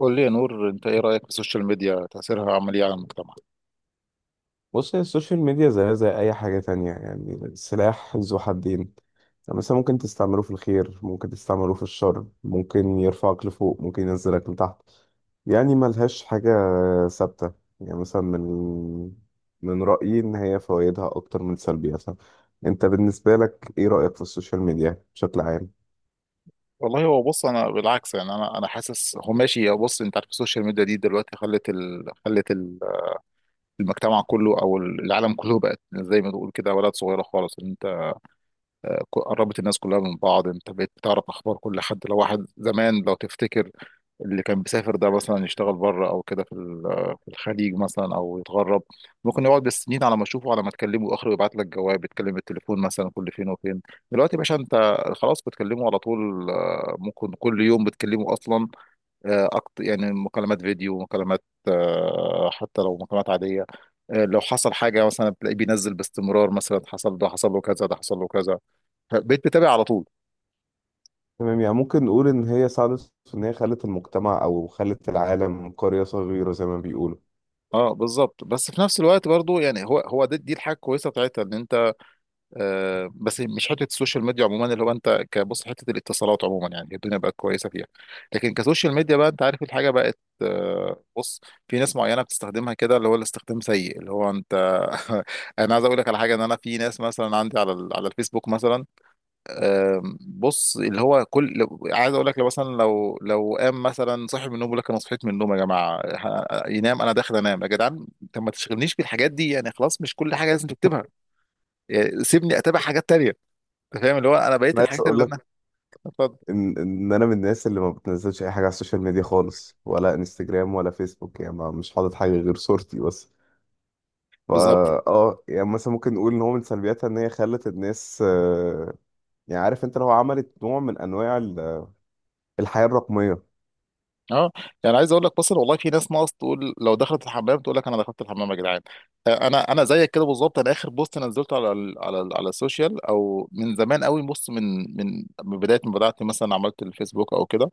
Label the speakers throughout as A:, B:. A: قول لي يا نور، انت ايه رايك في السوشيال ميديا؟ تاثيرها عامل ايه على المجتمع؟
B: بص، هي السوشيال ميديا زيها زي أي حاجة تانية، يعني سلاح ذو حدين. يعني مثلا ممكن تستعمله في الخير، ممكن تستعمله في الشر، ممكن يرفعك لفوق، ممكن ينزلك لتحت. يعني ملهاش حاجة ثابتة. يعني مثلا، من رأيي إن هي فوائدها أكتر من سلبياتها. أنت بالنسبة لك إيه رأيك في السوشيال ميديا بشكل عام؟
A: والله هو بص انا بالعكس، يعني انا حاسس هو ماشي. هو بص، انت عارف السوشيال ميديا دي دلوقتي المجتمع كله او العالم كله بقت زي ما تقول كده ولد صغيره خالص. انت قربت الناس كلها من بعض، انت بقيت بتعرف اخبار كل حد. لو واحد زمان، لو تفتكر، اللي كان بيسافر ده مثلا يشتغل بره او كده في الخليج مثلا او يتغرب، ممكن يقعد بالسنين على ما اشوفه، على ما تكلمه، اخر يبعت لك جواب، يتكلم بالتليفون مثلا كل فين وفين. دلوقتي يا باشا انت خلاص بتكلمه على طول، ممكن كل يوم بتكلمه اصلا. يعني مكالمات فيديو، مكالمات، حتى لو مكالمات عادية. لو حصل حاجة مثلا بتلاقيه بينزل باستمرار، مثلا حصل ده، حصل له كذا، ده حصل له كذا. بقيت بتابع على طول.
B: تمام، يعني ممكن نقول إن هي ساعدت في إن هي خلت المجتمع أو خلت العالم قرية صغيرة زي ما بيقولوا.
A: اه بالظبط، بس في نفس الوقت برضو، يعني هو ده دي الحاجه الكويسه بتاعتها ان انت. آه بس مش حته السوشيال ميديا عموما، اللي هو انت كبص حته الاتصالات عموما، يعني الدنيا بقت كويسه فيها. لكن كسوشيال ميديا بقى، انت عارف الحاجه بقت، آه بص، في ناس معينه بتستخدمها كده اللي هو الاستخدام سيء اللي هو انت. انا عايز اقول لك على حاجه، ان انا في ناس مثلا عندي على الفيسبوك مثلا. بص اللي هو كل عايز اقول لك، لو مثلا لو قام مثلا صاحب من النوم بيقول لك انا صحيت من النوم يا جماعه، ينام، انا داخل انام يا جدعان. طب ما تشغلنيش بالحاجات دي يعني، خلاص مش كل حاجه لازم تكتبها. يعني سيبني اتابع حاجات تانية. انت فاهم اللي هو انا بقيت
B: أنا عايز
A: الحاجات
B: أقول
A: اللي
B: لك
A: انا. اتفضل.
B: ان انا من الناس اللي ما بتنزلش اي حاجه على السوشيال ميديا خالص، ولا انستجرام ولا فيسبوك، يعني مش حاطط حاجه غير صورتي بس. فا
A: بالظبط.
B: اه يعني مثلا ممكن نقول ان هو من سلبياتها ان هي خلت الناس، يعني عارف انت لو عملت نوع من انواع الحياه الرقميه،
A: اه يعني عايز اقول لك مثلا، والله في ناس ناقص تقول لو دخلت الحمام تقول لك انا دخلت الحمام يا جدعان. انا زيك كده بالظبط. انا اخر بوست نزلته على السوشيال او من زمان قوي. بص من بدايه ما بدات، مثلا عملت الفيسبوك او كده،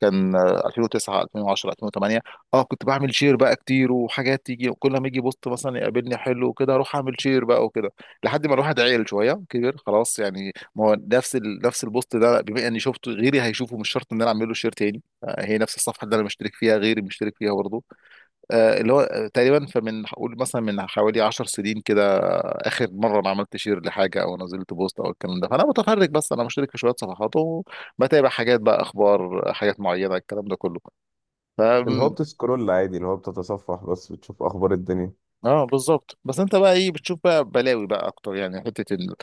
A: كان 2009 2010 2008. اه كنت بعمل شير بقى كتير وحاجات تيجي، كل ما يجي بوست مثلا يقابلني حلو وكده اروح اعمل شير بقى وكده، لحد ما الواحد عيل شويه كبر خلاص. يعني ما هو نفس البوست ده بما اني شفته غيري هيشوفه، مش شرط ان انا اعمل له شير تاني. هي نفس الصفحه اللي انا مشترك فيها غيري مشترك فيها برضه. آه، اللي هو آه، تقريبا فمن هقول مثلا من حوالي 10 سنين كده اخر مره انا عملت شير لحاجه او نزلت بوست او الكلام ده. فانا متفرج بس، انا مشترك في شويه صفحات وبتابع حاجات بقى، اخبار حاجات معينه، الكلام ده كله. ف
B: اللي هو بتسكرول عادي، اللي هو بتتصفح بس بتشوف اخبار الدنيا.
A: اه بالظبط، بس انت بقى ايه بتشوف بقى بلاوي بقى اكتر، يعني حته ال...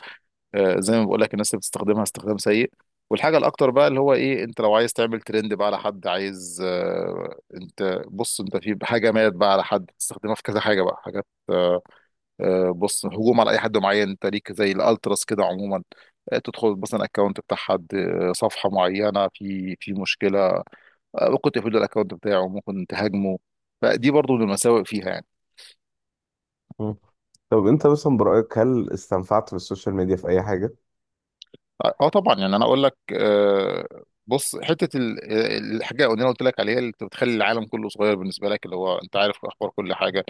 A: زي ما بقول لك الناس اللي بتستخدمها استخدام سيء. والحاجه الاكتر بقى اللي هو ايه، انت لو عايز تعمل ترند بقى على حد، عايز، انت بص انت في حاجه مالت بقى على حد تستخدمها في كذا حاجه بقى، حاجات، بص، هجوم على اي حد معين، انت ليك زي الالتراس كده عموما. تدخل مثلا اكونت بتاع حد، صفحه معينه في مشكله، ممكن تقفلوا الاكونت بتاعه، ممكن تهاجمه. فدي برضو من المساوئ فيها يعني.
B: مم. طب انت مثلا برأيك هل استنفعت بالسوشيال ميديا في اي حاجه؟
A: اه آه طبعا، يعني انا اقول لك، بص حته الحاجه اللي انا قلت لك عليها، اللي بتخلي العالم كله صغير بالنسبه لك، اللي هو انت عارف اخبار كل حاجه.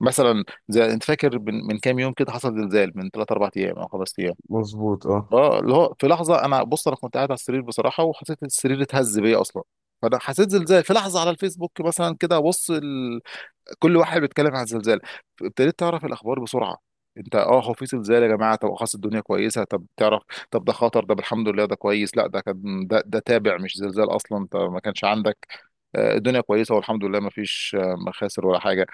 A: مثلا زي انت فاكر من كام يوم كده حصل زلزال من 3 4 ايام او 5 ايام.
B: مظبوط، اه.
A: اه اللي هو في لحظه، انا بص انا كنت قاعد على السرير بصراحه وحسيت إن السرير اتهز بيا اصلا. فانا حسيت زلزال في لحظه. على الفيسبوك مثلا كده بص ال... كل واحد بيتكلم عن الزلزال. ابتديت تعرف الاخبار بسرعه. انت اه هو في زلزال يا جماعه، طب خلاص الدنيا كويسه، طب تعرف، طب ده خطر، ده الحمد لله ده كويس، لا ده كان ده تابع مش زلزال اصلا، انت ما كانش عندك، الدنيا كويسه والحمد لله، ما فيش مخاسر ولا حاجه.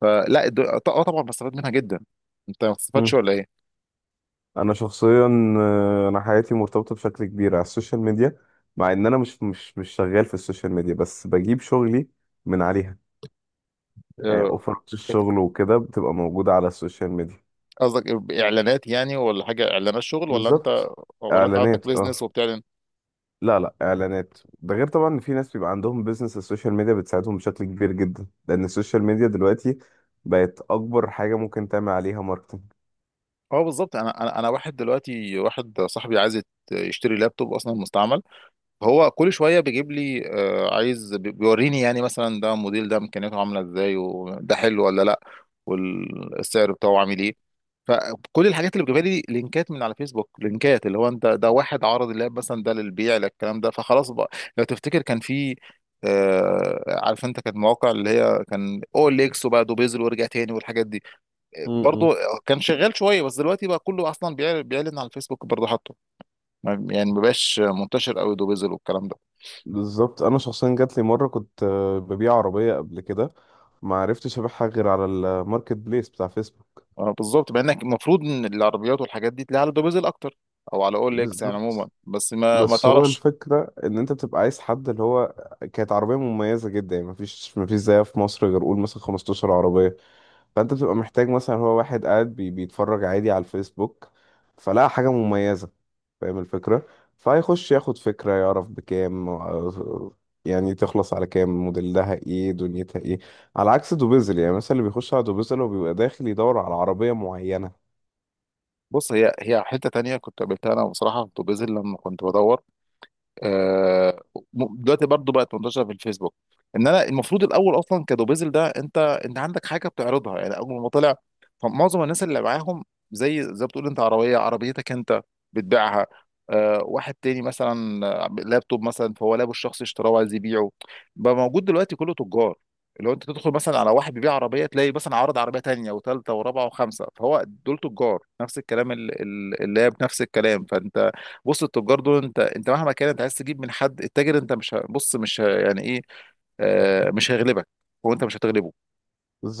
A: فلا الد- اه طبعا بستفاد منها جدا. انت ما بتستفادش ولا ايه؟
B: انا شخصيا، انا حياتي مرتبطه بشكل كبير على السوشيال ميديا، مع ان انا مش شغال في السوشيال ميديا، بس بجيب شغلي من عليها. يعني
A: آه،
B: اوفرات الشغل وكده بتبقى موجوده على السوشيال ميديا.
A: قصدك اعلانات يعني، ولا حاجه، اعلانات شغل، ولا انت،
B: بالظبط.
A: ولا انت عندك
B: اعلانات، اه.
A: بيزنس وبتعلن؟
B: لا لا، اعلانات ده غير طبعا ان في ناس بيبقى عندهم بيزنس، السوشيال ميديا بتساعدهم بشكل كبير جدا، لان السوشيال ميديا دلوقتي بقت اكبر حاجه ممكن تعمل عليها
A: اه بالظبط. انا واحد دلوقتي، واحد صاحبي عايز يشتري لابتوب اصلا مستعمل. هو كل شويه بيجيب لي، عايز بيوريني يعني مثلا ده موديل، ده امكانياته عامله ازاي، وده حلو ولا لا، والسعر بتاعه عامل ايه. فكل الحاجات اللي بتجيبها لي لينكات من على فيسبوك، لينكات اللي هو انت ده واحد عرض اللاب مثلا ده للبيع للكلام ده، فخلاص بقى. لو تفتكر كان في، آه عارف انت، كانت مواقع اللي هي كان اول اكس وبقى دوبيزل وارجع تاني والحاجات دي.
B: ماركتنج.
A: برضو كان شغال شويه بس دلوقتي بقى كله اصلا بيعلن على الفيسبوك برضو حاطه. يعني ما بقاش منتشر قوي دوبيزل والكلام ده.
B: بالظبط. انا شخصيا جات لي مره كنت ببيع عربيه قبل كده، ما عرفتش ابيعها غير على الماركت بليس بتاع فيسبوك.
A: بالظبط، مع انك المفروض ان العربيات والحاجات دي تلاقيها على دوبيزل اكتر او على اول اكس يعني عموما،
B: بالظبط.
A: بس ما
B: بس هو
A: تعرفش.
B: الفكره ان انت بتبقى عايز حد، اللي هو كانت عربيه مميزه جدا، يعني مفيش زيها في مصر غير قول مثلا 15 عربيه. فانت بتبقى محتاج، مثلا هو واحد قاعد بيتفرج عادي على الفيسبوك، فلقى حاجة مميزة. فاهم الفكرة؟ فهيخش ياخد فكرة، يعرف بكام، يعني تخلص على كام، موديلها ايه، دنيتها ايه. على عكس دوبيزل، يعني مثلا اللي بيخش على دوبيزل هو بيبقى داخل يدور على عربية معينة.
A: بص هي حته تانية كنت قابلتها انا بصراحه في دوبيزل لما كنت بدور. آه، دلوقتي برضو بقت منتشره في الفيسبوك. ان انا المفروض الاول اصلا كدوبيزل ده، انت انت عندك حاجه بتعرضها يعني، اول ما طلع فمعظم الناس اللي معاهم زي ما بتقول، انت عربيه عربيتك انت بتبيعها. واحد تاني مثلا، لابتوب مثلا فهو لابه الشخصي اشتراه وعايز يبيعه. بقى موجود دلوقتي كله تجار. لو انت تدخل مثلا على واحد بيبيع عربيه تلاقي مثلا عارض عربيه تانيه وثالثه ورابعه وخمسه، فهو دول تجار. نفس الكلام اللاب نفس الكلام. فانت بص التجار دول انت مهما كان انت عايز تجيب من حد التاجر، انت مش ه- بص مش ه- يعني ايه، آه مش هيغلبك، هو انت مش هتغلبه.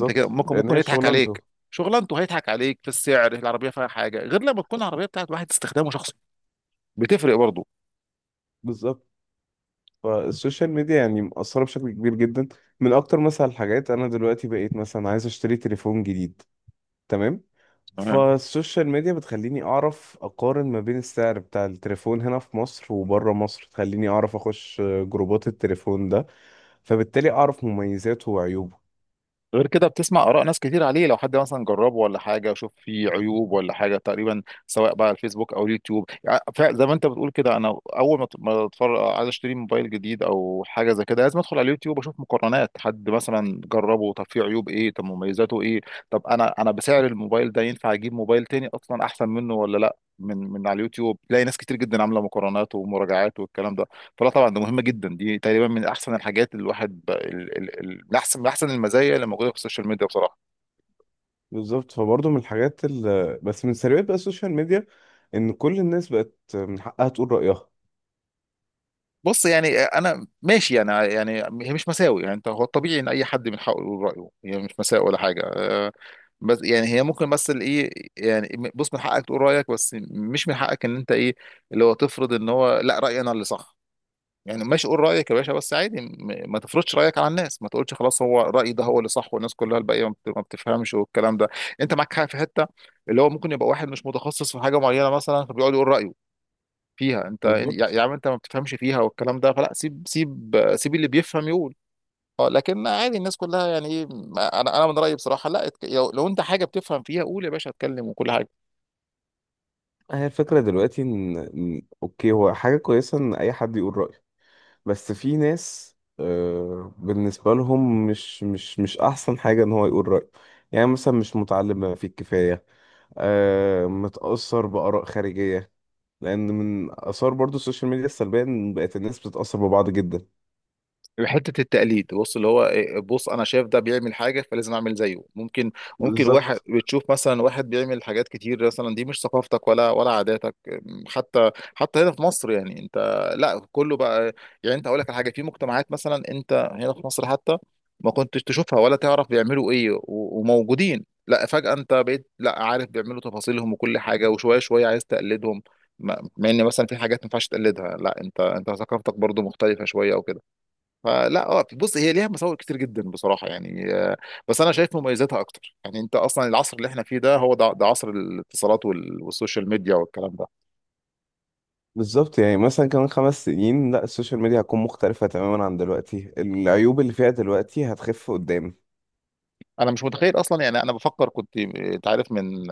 A: انت كده ممكن
B: لان
A: ممكن
B: هي
A: يضحك
B: شغلانته.
A: عليك. شغلانته هيضحك عليك في السعر، العربيه فيها حاجه غير لما تكون العربيه بتاعت واحد استخدامه شخصي، بتفرق برضه.
B: بالظبط. فالسوشيال ميديا يعني مأثرة بشكل كبير جدا. من اكتر مثلا الحاجات، انا دلوقتي بقيت مثلا عايز اشتري تليفون جديد. تمام. فالسوشيال ميديا بتخليني اعرف اقارن ما بين السعر بتاع التليفون هنا في مصر وبره مصر، تخليني اعرف اخش جروبات التليفون ده، فبالتالي اعرف مميزاته وعيوبه.
A: غير كده بتسمع آراء ناس كتير عليه، لو حد مثلا جربه ولا حاجة، شوف فيه عيوب ولا حاجة تقريبا، سواء بقى على الفيسبوك أو اليوتيوب. يعني زي ما أنت بتقول كده، أنا أول ما أتفرج عايز أشتري موبايل جديد أو حاجة زي كده، لازم أدخل على اليوتيوب أشوف مقارنات حد مثلا جربه، طب فيه عيوب إيه، طب مميزاته إيه، طب أنا بسعر الموبايل ده ينفع أجيب موبايل تاني أصلا أحسن منه ولا لأ. من على اليوتيوب تلاقي ناس كتير جدا عاملة مقارنات ومراجعات والكلام ده. فلا طبعا ده مهم جدا، دي تقريبا من احسن الحاجات اللي الواحد ب... ال... ال... ال... من احسن المزايا اللي موجوده في السوشيال ميديا بصراحه.
B: بالظبط. فبرضه من الحاجات بس من سلبيات بقى السوشيال ميديا، ان كل الناس بقت من حقها تقول رأيها.
A: بص، يعني انا ماشي يعني، هي مش مساوي يعني. انت هو الطبيعي ان اي حد من حقه يقول رايه، هي مش مساوي ولا حاجه، بس يعني هي ممكن، بس الايه، يعني بص من حقك تقول رايك، بس مش من حقك ان انت ايه، اللي هو تفرض ان هو لا رايي انا اللي صح. يعني ماشي قول رأيك يا باشا، بس عادي ما تفرضش رأيك على الناس، ما تقولش خلاص هو رأيي ده هو اللي صح والناس كلها الباقية ما بتفهمش والكلام ده. انت معاك حاجة في حتة، اللي هو ممكن يبقى واحد مش متخصص في حاجة معينة مثلا فبيقعد يقول رأيه فيها، انت يا
B: بالظبط.
A: يا عم انت ما بتفهمش فيها والكلام ده. فلا سيب سيب سيب، اللي بيفهم يقول. اه لكن عادي الناس كلها يعني ايه، انا من رأيي بصراحة، لا لو انت حاجة بتفهم فيها قول يا باشا، اتكلم وكل حاجة.
B: هي الفكرة دلوقتي اوكي، هو حاجة كويسة ان اي حد يقول رأيه، بس في ناس، بالنسبة لهم مش أحسن حاجة إن هو يقول رأيه. يعني مثلا مش متعلم بما فيه الكفاية، متأثر بآراء خارجية. لأن من آثار برضو السوشيال ميديا السلبية إن بقت الناس بتتأثر ببعض جدا.
A: حته التقليد بص اللي هو إيه، بص انا شايف ده بيعمل حاجه فلازم اعمل زيه. ممكن، ممكن واحد
B: بالظبط.
A: بتشوف مثلا واحد بيعمل حاجات كتير مثلا، دي مش ثقافتك ولا عاداتك، حتى هنا في مصر يعني انت. لا كله بقى، يعني انت اقول لك على حاجه، في مجتمعات مثلا انت هنا في مصر حتى ما كنتش تشوفها ولا تعرف بيعملوا ايه وموجودين، لا فجاه انت بقيت لا عارف بيعملوا تفاصيلهم وكل حاجه، وشويه شويه عايز تقلدهم. مع ان مثلا في حاجات ما ينفعش تقلدها، لا انت ثقافتك برضو مختلفه شويه او كده. فلا اه بص هي ليها مساوئ كتير جدا بصراحه يعني، بس انا شايف مميزاتها اكتر. يعني انت اصلا العصر اللي احنا فيه ده هو ده عصر الاتصالات والسوشيال ميديا والكلام ده.
B: بالظبط، يعني مثلا كمان 5 سنين، لا السوشيال ميديا هتكون مختلفة تماما عن دلوقتي، العيوب اللي فيها دلوقتي هتخف قدام.
A: انا مش متخيل اصلا يعني، انا بفكر كنت، انت عارف من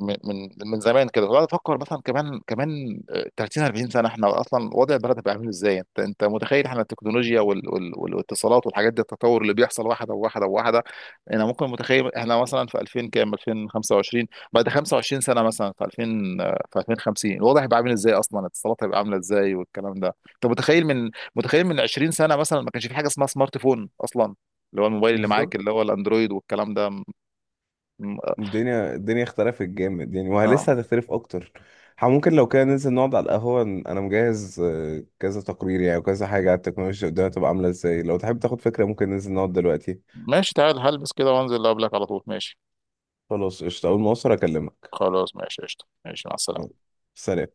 A: من من من زمان كده وقعد افكر مثلا كمان كمان 30 40 سنه، احنا اصلا وضع البلد هيبقى عامل ازاي؟ انت متخيل احنا التكنولوجيا والاتصالات والحاجات دي، التطور اللي بيحصل واحده وواحده وواحده؟ انا ممكن متخيل احنا مثلا في 2000 كام، 2025، بعد 25 سنه مثلا في 2000، في 2050 الوضع هيبقى عامل ازاي اصلا؟ الاتصالات هيبقى عامله ازاي والكلام ده؟ انت متخيل من 20 سنه مثلا ما كانش في حاجه اسمها سمارت فون اصلا؟ اللي هو الموبايل اللي معاك
B: بالظبط.
A: اللي هو الاندرويد والكلام ده. م-
B: الدنيا اختلفت جامد يعني، وهي
A: اه
B: هتختلف اكتر. ممكن لو كده ننزل نقعد على القهوة، انا مجهز كذا تقرير يعني وكذا حاجة على التكنولوجيا، قدامها تبقى عاملة ازاي. لو تحب تاخد فكرة، ممكن ننزل نقعد دلوقتي.
A: ماشي، تعال هلبس كده وانزل قبلك على طول، ماشي.
B: خلاص، قشطة، اول ما اوصل اكلمك.
A: خلاص ماشي قشطة، ماشي مع
B: يلا،
A: السلامة.
B: سلام.